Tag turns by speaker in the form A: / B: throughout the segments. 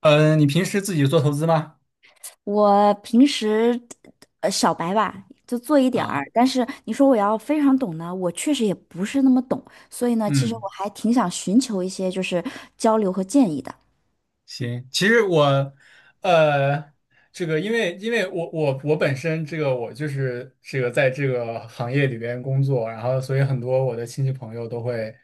A: 嗯，你平时自己做投资吗？
B: 我平时小白吧，就做一点
A: 啊，
B: 儿，但是你说我要非常懂呢，我确实也不是那么懂，所以呢，其实
A: 嗯，
B: 我还挺想寻求一些就是交流和建议的。
A: 行。其实我，呃，这个因为我本身这个我就是这个在这个行业里边工作，然后所以很多我的亲戚朋友都会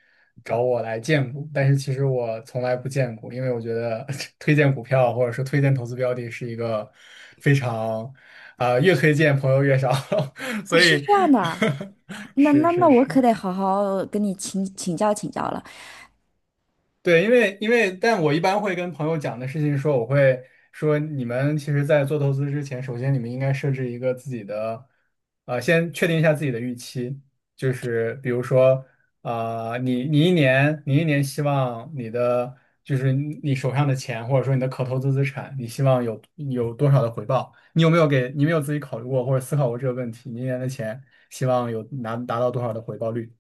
A: 找我来荐股，但是其实我从来不荐股，因为我觉得 推荐股票或者说推荐投资标的是一个非常，啊，越推荐朋友越少，
B: 哦
A: 所
B: 是
A: 以
B: 这样的啊， 那
A: 是
B: 那那
A: 是
B: 我
A: 是，
B: 可得好好跟你请教请教了。
A: 对，因为，但我一般会跟朋友讲的事情说，我会说你们其实，在做投资之前，首先你们应该设置一个自己的，先确定一下自己的预期，就是比如说，啊、你一年希望你的就是你手上的钱，或者说你的可投资资产，你希望有多少的回报？你有没有自己考虑过或者思考过这个问题？你一年的钱希望有拿达到多少的回报率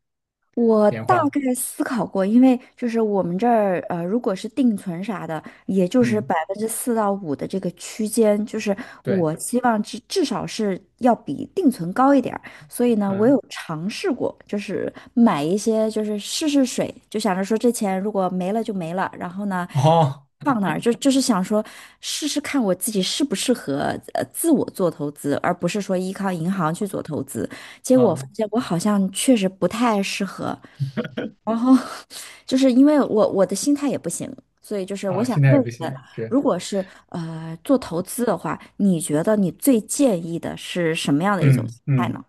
B: 我
A: 年
B: 大
A: 化？
B: 概思考过，因为就是我们这儿，如果是定存啥的，也就是
A: 嗯，
B: 百分之四到五的这个区间，就是
A: 对，
B: 我希望至少是要比定存高一点儿。所以呢，我
A: 嗯，
B: 有尝试过，就是买一些，就是试试水，就想着说这钱如果没了就没了，然后呢，就
A: 哦。
B: 放那儿，就是想说试试看我自己适不适合自我做投资，而不是说依靠银行去做投资。结果我发
A: 嗯
B: 现我好像确实不太适合，然后就是因为我的心态也不行，所以就是我
A: 啊，
B: 想
A: 心态也
B: 问一
A: 不
B: 问，
A: 行，是，
B: 如果是做投资的话，你觉得你最建议的是什么样的一种
A: 嗯
B: 心态
A: 嗯，
B: 呢？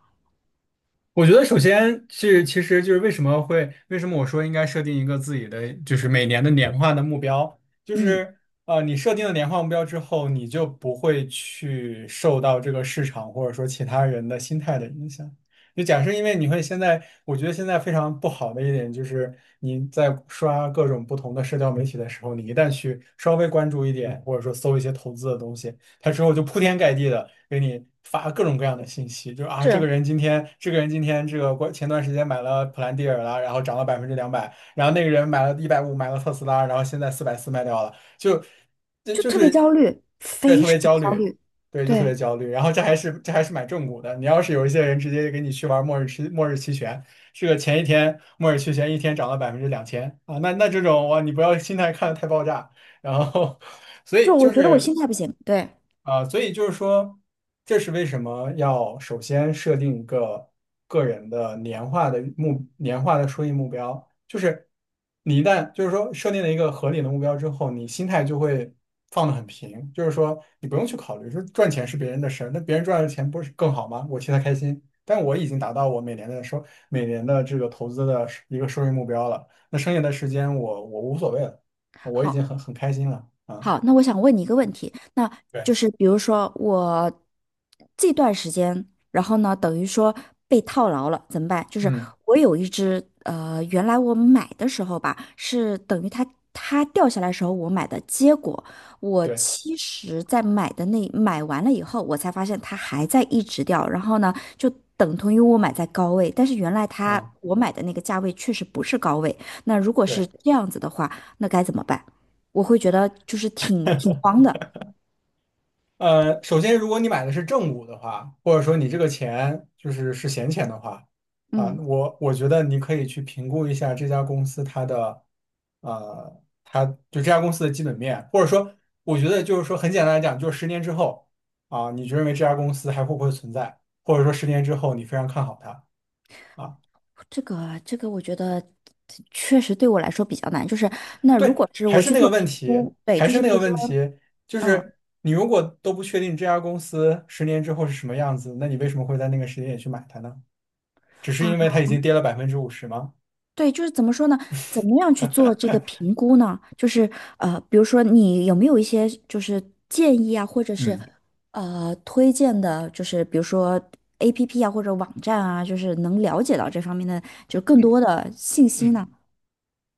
A: 我觉得首先是，其实就是为什么会，为什么我说应该设定一个自己的，就是每年的年化的目标，就
B: 嗯，
A: 是你设定了年化目标之后，你就不会去受到这个市场或者说其他人的心态的影响。就假设，因为你会现在，我觉得现在非常不好的一点就是你在刷各种不同的社交媒体的时候，你一旦去稍微关注一点，或者说搜一些投资的东西。他之后就铺天盖地的给你发各种各样的信息，就是啊，这个
B: 是，
A: 人今天，这个人今天这个过前段时间买了普兰蒂尔啦，然后涨了200%，然后那个人买了一百五买了特斯拉，然后现在440卖掉了，就这
B: 就
A: 就
B: 特别
A: 是
B: 焦虑，
A: 也
B: 非
A: 特
B: 常
A: 别焦
B: 焦
A: 虑。
B: 虑。
A: 对，就特别
B: 对，
A: 焦虑，然后这还是买正股的。你要是有一些人直接给你去玩末日期权，这个前一天末日期权一天涨了2000%啊，那那这种哇，你不要心态看的太爆炸，然后所以
B: 就我
A: 就
B: 觉得我
A: 是
B: 心态不行，对。
A: 啊，所以就是说，这是为什么要首先设定一个个人的年化的收益目标，就是你一旦就是说设定了一个合理的目标之后，你心态就会放得很平，就是说你不用去考虑说赚钱是别人的事儿，那别人赚的钱不是更好吗？我替他开心，但我已经达到我每年的这个投资的一个收益目标了，那剩下的时间我无所谓了，我已
B: 好，
A: 经很开心了啊。
B: 好，那我想问你一个问题，那
A: 对，
B: 就是比如说我这段时间，然后呢，等于说被套牢了，怎么办？就是
A: 嗯，
B: 我有一只，原来我买的时候吧，是等于它掉下来的时候我买的，结果我
A: 对，
B: 其实在买的买完了以后，我才发现它还在一直掉，然后呢，就等同于我买在高位，但是原来它
A: 嗯，
B: 我买的那个价位确实不是高位，那如果是
A: 对，
B: 这样子的话，那该怎么办？我会觉得就是挺慌的。
A: 呃，首先，如果你买的是正股的话，或者说你这个钱就是是闲钱的话，啊，
B: 嗯，
A: 我觉得你可以去评估一下这家公司它的，呃，这家公司的基本面，或者说，我觉得就是说很简单来讲，就是十年之后，啊，你就认为这家公司还会不会存在，或者说十年之后你非常看好它。啊。
B: 这个，我觉得确实对我来说比较难。就是那如
A: 对，
B: 果是
A: 还
B: 我
A: 是
B: 去
A: 那个
B: 做
A: 问
B: 评
A: 题，
B: 估，对，
A: 还
B: 就
A: 是
B: 是比
A: 那个
B: 如说，
A: 问题，就
B: 嗯。
A: 是你如果都不确定这家公司十年之后是什么样子，那你为什么会在那个时间点去买它呢？只是
B: 啊，
A: 因为它已经跌了百分之五十吗？
B: 对，就是怎么说呢？怎么样去做这个评估呢？就是比如说你有没有一些就是建议啊，或者是
A: 嗯
B: 推荐的，就是比如说 APP 啊或者网站啊，就是能了解到这方面的就更多的信息
A: 嗯，
B: 呢？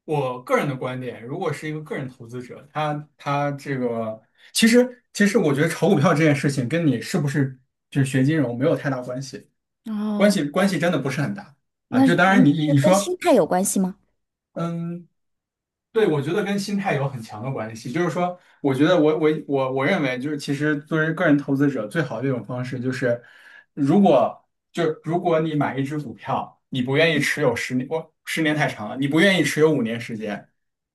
A: 我个人的观点，如果是一个个人投资者，他这个其实我觉得炒股票这件事情跟你是不是就是学金融没有太大关系，关
B: 哦，
A: 系关系真的不是很大啊。
B: 那
A: 就
B: 是
A: 当然
B: 嗯，
A: 你你
B: 是
A: 你
B: 跟
A: 说，
B: 心态有关系吗？
A: 嗯。对，我觉得跟心态有很强的关系。就是说，我觉得我认为，就是其实作为个人投资者，最好的一种方式就是，如果你买一只股票，你不愿意持有十年，我十年太长了，你不愿意持有5年时间，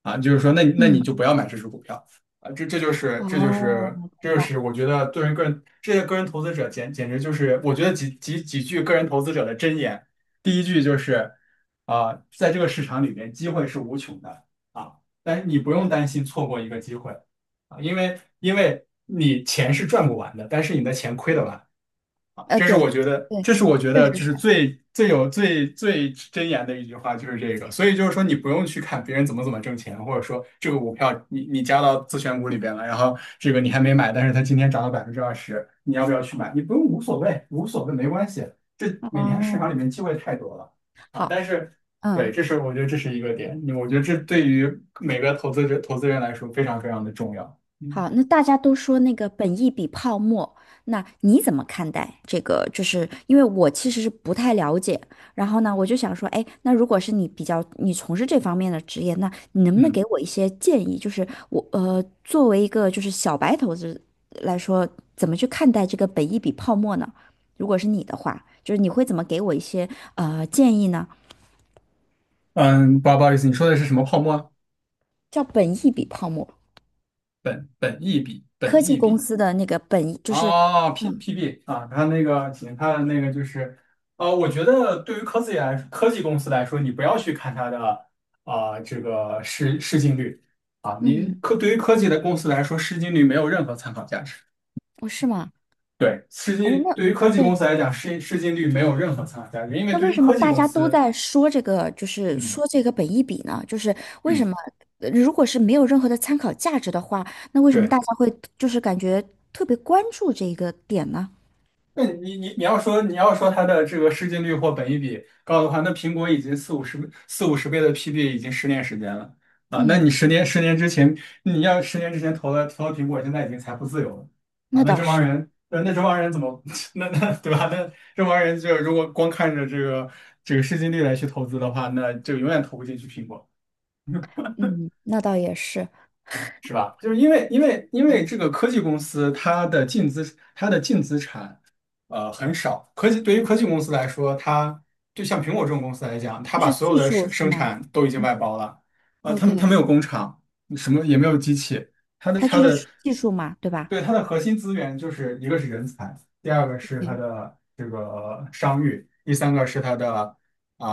A: 啊，就是说那，那你
B: 嗯，
A: 就不要买这只股票啊。
B: 哦，
A: 这
B: 明
A: 就
B: 白，
A: 是我觉得作为个人，这些个人投资者简直就是我觉得几句个人投资者的箴言，第一句就是啊，在这个市场里面，机会是无穷的。啊，但是你不用
B: 对，
A: 担心错过一个机会啊，因为你钱是赚不完的，但是你的钱亏得完。啊这是
B: 对，
A: 我觉得，
B: 对，
A: 这是我觉
B: 确
A: 得
B: 实
A: 就
B: 是，
A: 是最最真言的一句话，就是这个。所以就是说，你不用去看别人怎么怎么挣钱，或者说这个股票你加到自选股里边了，然后这个你还没买，但是它今天涨了20%，你要不要去买？你不用，无所谓，无所谓，没关系。这每天市场
B: 哦，
A: 里面机会太多了啊！
B: 好，
A: 但是，对，
B: 嗯。
A: 这是我觉得这是一个点，我觉得这对于每个投资者投资人来说非常非常的重要。嗯
B: 好，那大家都说那个本意比泡沫，那你怎么看待这个？就是因为我其实是不太了解，然后呢，我就想说，哎，那如果是你比较你从事这方面的职业，那你能不能
A: 嗯
B: 给我一些建议？就是我，作为一个就是小白投资来说，怎么去看待这个本意比泡沫呢？如果是你的话，就是你会怎么给我一些建议呢？
A: 嗯，不好意思，你说的是什么泡沫？
B: 叫本益比泡沫，
A: 本益比，本
B: 科技
A: 益
B: 公
A: 比
B: 司的那个本益就是，
A: 啊
B: 嗯
A: PB 啊，它那个行，看那个就是，呃，我觉得对于科技公司来说，你不要去看它的啊、这个市净率，
B: 嗯，
A: 对于科技的公司来说，市净率没有任何参考价值。
B: 哦是吗？
A: 对，
B: 哎，那
A: 对于科技公
B: 对，
A: 司来讲，市净率没有任何参考价值，因为
B: 那
A: 对
B: 为
A: 于
B: 什么
A: 科技
B: 大
A: 公
B: 家都
A: 司，
B: 在说这个，就是
A: 嗯
B: 说这个本益比呢？就是为
A: 嗯。
B: 什么，如果是没有任何的参考价值的话，那为什么大
A: 对。
B: 家会就是感觉特别关注这一个点呢？
A: 那你要说你要说它的这个市净率或本益比高的话，那苹果已经四五十倍的 PB 已经10年时间了啊。那
B: 嗯，
A: 你十年之前，你要十年之前投了苹果，现在已经财富自由了啊。
B: 那
A: 那
B: 倒
A: 这帮
B: 是，
A: 人，那这帮人怎么 对吧？那这帮人就如果光看着这个市净率来去投资的话，那就永远投不进去苹果。
B: 嗯，那倒也是，
A: 是吧？就是因为因为因
B: 嗯，
A: 为这个科技公司它的净资产呃很少，科技对于科技公司来说，它就像苹果这种公司来讲，它
B: 就
A: 把
B: 是
A: 所有
B: 技
A: 的
B: 术是
A: 生
B: 吗？
A: 产都已经
B: 嗯
A: 外包了，呃，他
B: ，OK，
A: 没有工厂，什么也没有机器，它的
B: 它
A: 它
B: 就
A: 的
B: 是技术嘛，对吧
A: 对它的核心资源就是一个是人才，第二个是
B: ？OK，
A: 它
B: 嗯。
A: 的这个商誉，第三个是它的啊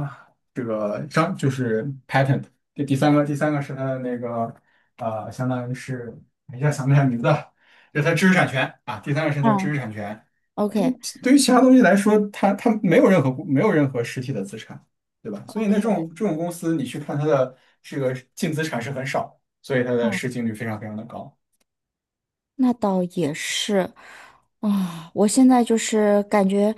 A: 啊、这个商就是 patent,第三个是它的那个。呃，相当于是，哎一下想不起来名字了，是它知识产权啊，第三个是它的知识
B: 啊
A: 产权。
B: ，OK，OK。
A: 对于其他东西来说，它它没有没有任何实体的资产，对吧？所以那这种公司，你去看它的这个净资产是很少，所以它的
B: 嗯。
A: 市净率非常非常的高。
B: 那倒也是，啊、我现在就是感觉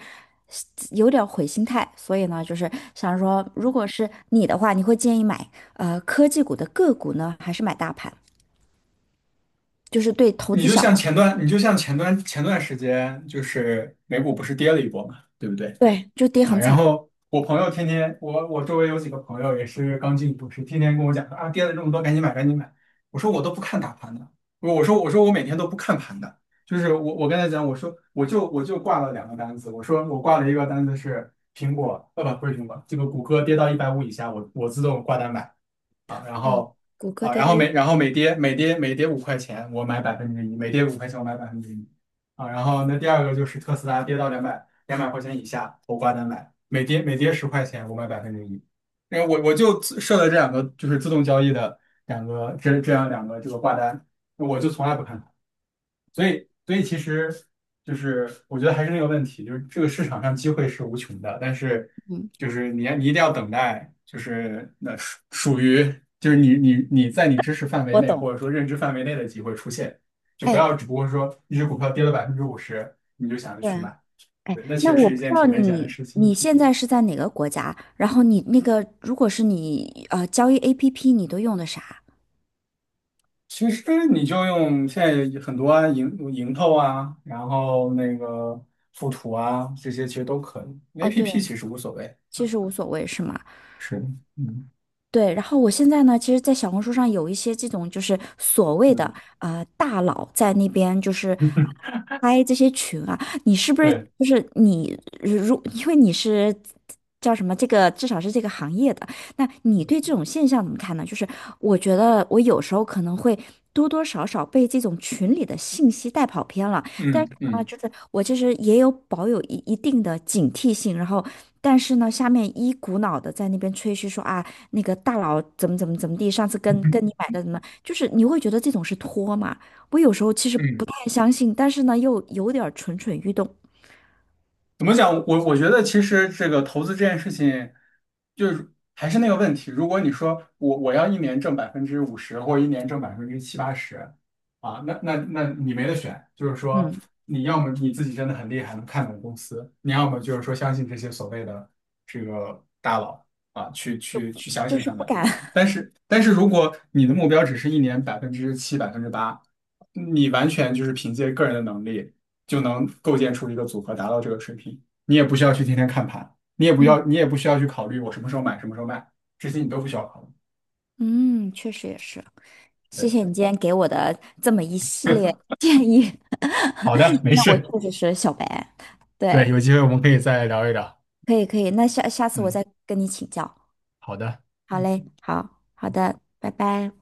B: 有点儿毁心态，所以呢，就是想说，如果是你的话，你会建议买科技股的个股呢，还是买大盘？就是对投资小，
A: 你就像前段时间，就是美股不是跌了一波嘛，对不对？
B: 对，就跌
A: 啊，
B: 很
A: 然
B: 惨，
A: 后我朋友天天，我周围有几个朋友也是刚进股市，天天跟我讲说啊，跌了这么多，赶紧买，赶紧买。我说我都不看大盘的，我说我每天都不看盘的，就是我跟他讲，我说我就挂了两个单子，我说我挂了一个单子是苹果，不是苹果，这个谷歌跌到一百五以下，我自动挂单买。啊，然
B: 啊，
A: 后
B: 谷歌
A: 啊，
B: 跌
A: 然
B: 到
A: 后
B: 一
A: 每
B: 百，
A: 然后每跌五块钱，我买百分之一，每跌五块钱我买百分之一啊。然后那第二个就是特斯拉跌到200块钱以下，我挂单买，每跌10块钱我买百分之一。因为我就自设了这两个就是自动交易的两个这这样两个这个挂单，我就从来不看。所以，所以其实就是我觉得还是那个问题，就是这个市场上机会是无穷的，但是
B: 嗯，
A: 就是你一定要等待，就是那属于就是你在你知识范围
B: 我
A: 内
B: 懂，
A: 或者说认知范围内的机会出现，就不
B: 哎，
A: 要只不过说一只股票跌了百分之五十，你就想着
B: 对。
A: 去买，
B: 哎，
A: 对，那其
B: 那
A: 实
B: 我
A: 是一
B: 不知
A: 件
B: 道
A: 挺危险的
B: 你
A: 事情。
B: 你现在是在哪个国家，然后你那个如果是你交易 APP，你都用的啥？
A: 其实你就用现在有很多啊，盈透啊，然后那个富途啊，这些其实都可以。
B: 哦，
A: APP
B: 对，
A: 其实无所谓，
B: 其实无所谓，是吗？
A: 是的，嗯
B: 对，然后我现在呢，其实，在小红书上有一些这种就是所谓的
A: 嗯，
B: 大佬在那边就是 拍这些群啊，你是不是
A: 对，
B: 就是你如因为你是叫什么这个至少是这个行业的，那你对这种现象怎么看呢？就是我觉得我有时候可能会多多少少被这种群里的信息带跑偏了，但是
A: 嗯
B: 啊，
A: 嗯
B: 就是我其实也有保有一定的警惕性，然后但是呢，下面一股脑的在那边吹嘘说啊，那个大佬怎么怎么怎么地，上次跟你买的怎么，就是你会觉得这种是托嘛？我有时候其实不
A: 嗯，
B: 太相信，但是呢，又有点儿蠢蠢欲动，
A: 怎么讲？我觉得其实这个投资这件事情，就是还是那个问题。如果你说我要一年挣百分之五十，或者一年挣百分之七八十，啊，那你没得选。就是说，
B: 嗯
A: 你要么你自己真的很厉害，能看懂公司；你要么就是说相信这些所谓的这个大佬啊，去相
B: 就
A: 信
B: 是
A: 他
B: 不
A: 们。
B: 敢。
A: 但是如果你的目标只是一年百分之七、8%。你完全就是凭借个人的能力就能构建出一个组合，达到这个水平。你也不需要去天天看盘，你也不
B: 嗯，
A: 要，你也不需要去考虑我什么时候买，什么时候卖，这些你都不需要考虑。
B: 嗯，确实也是。谢
A: 对，
B: 谢你今天给我的这么一系列建议，
A: 好的，没
B: 那我
A: 事。
B: 确实是小白。对，
A: 对，有机会我们可以再聊一聊。
B: 可以可以，那下次我
A: 嗯，
B: 再跟你请教。
A: 好的。
B: 好嘞，好好的，拜拜。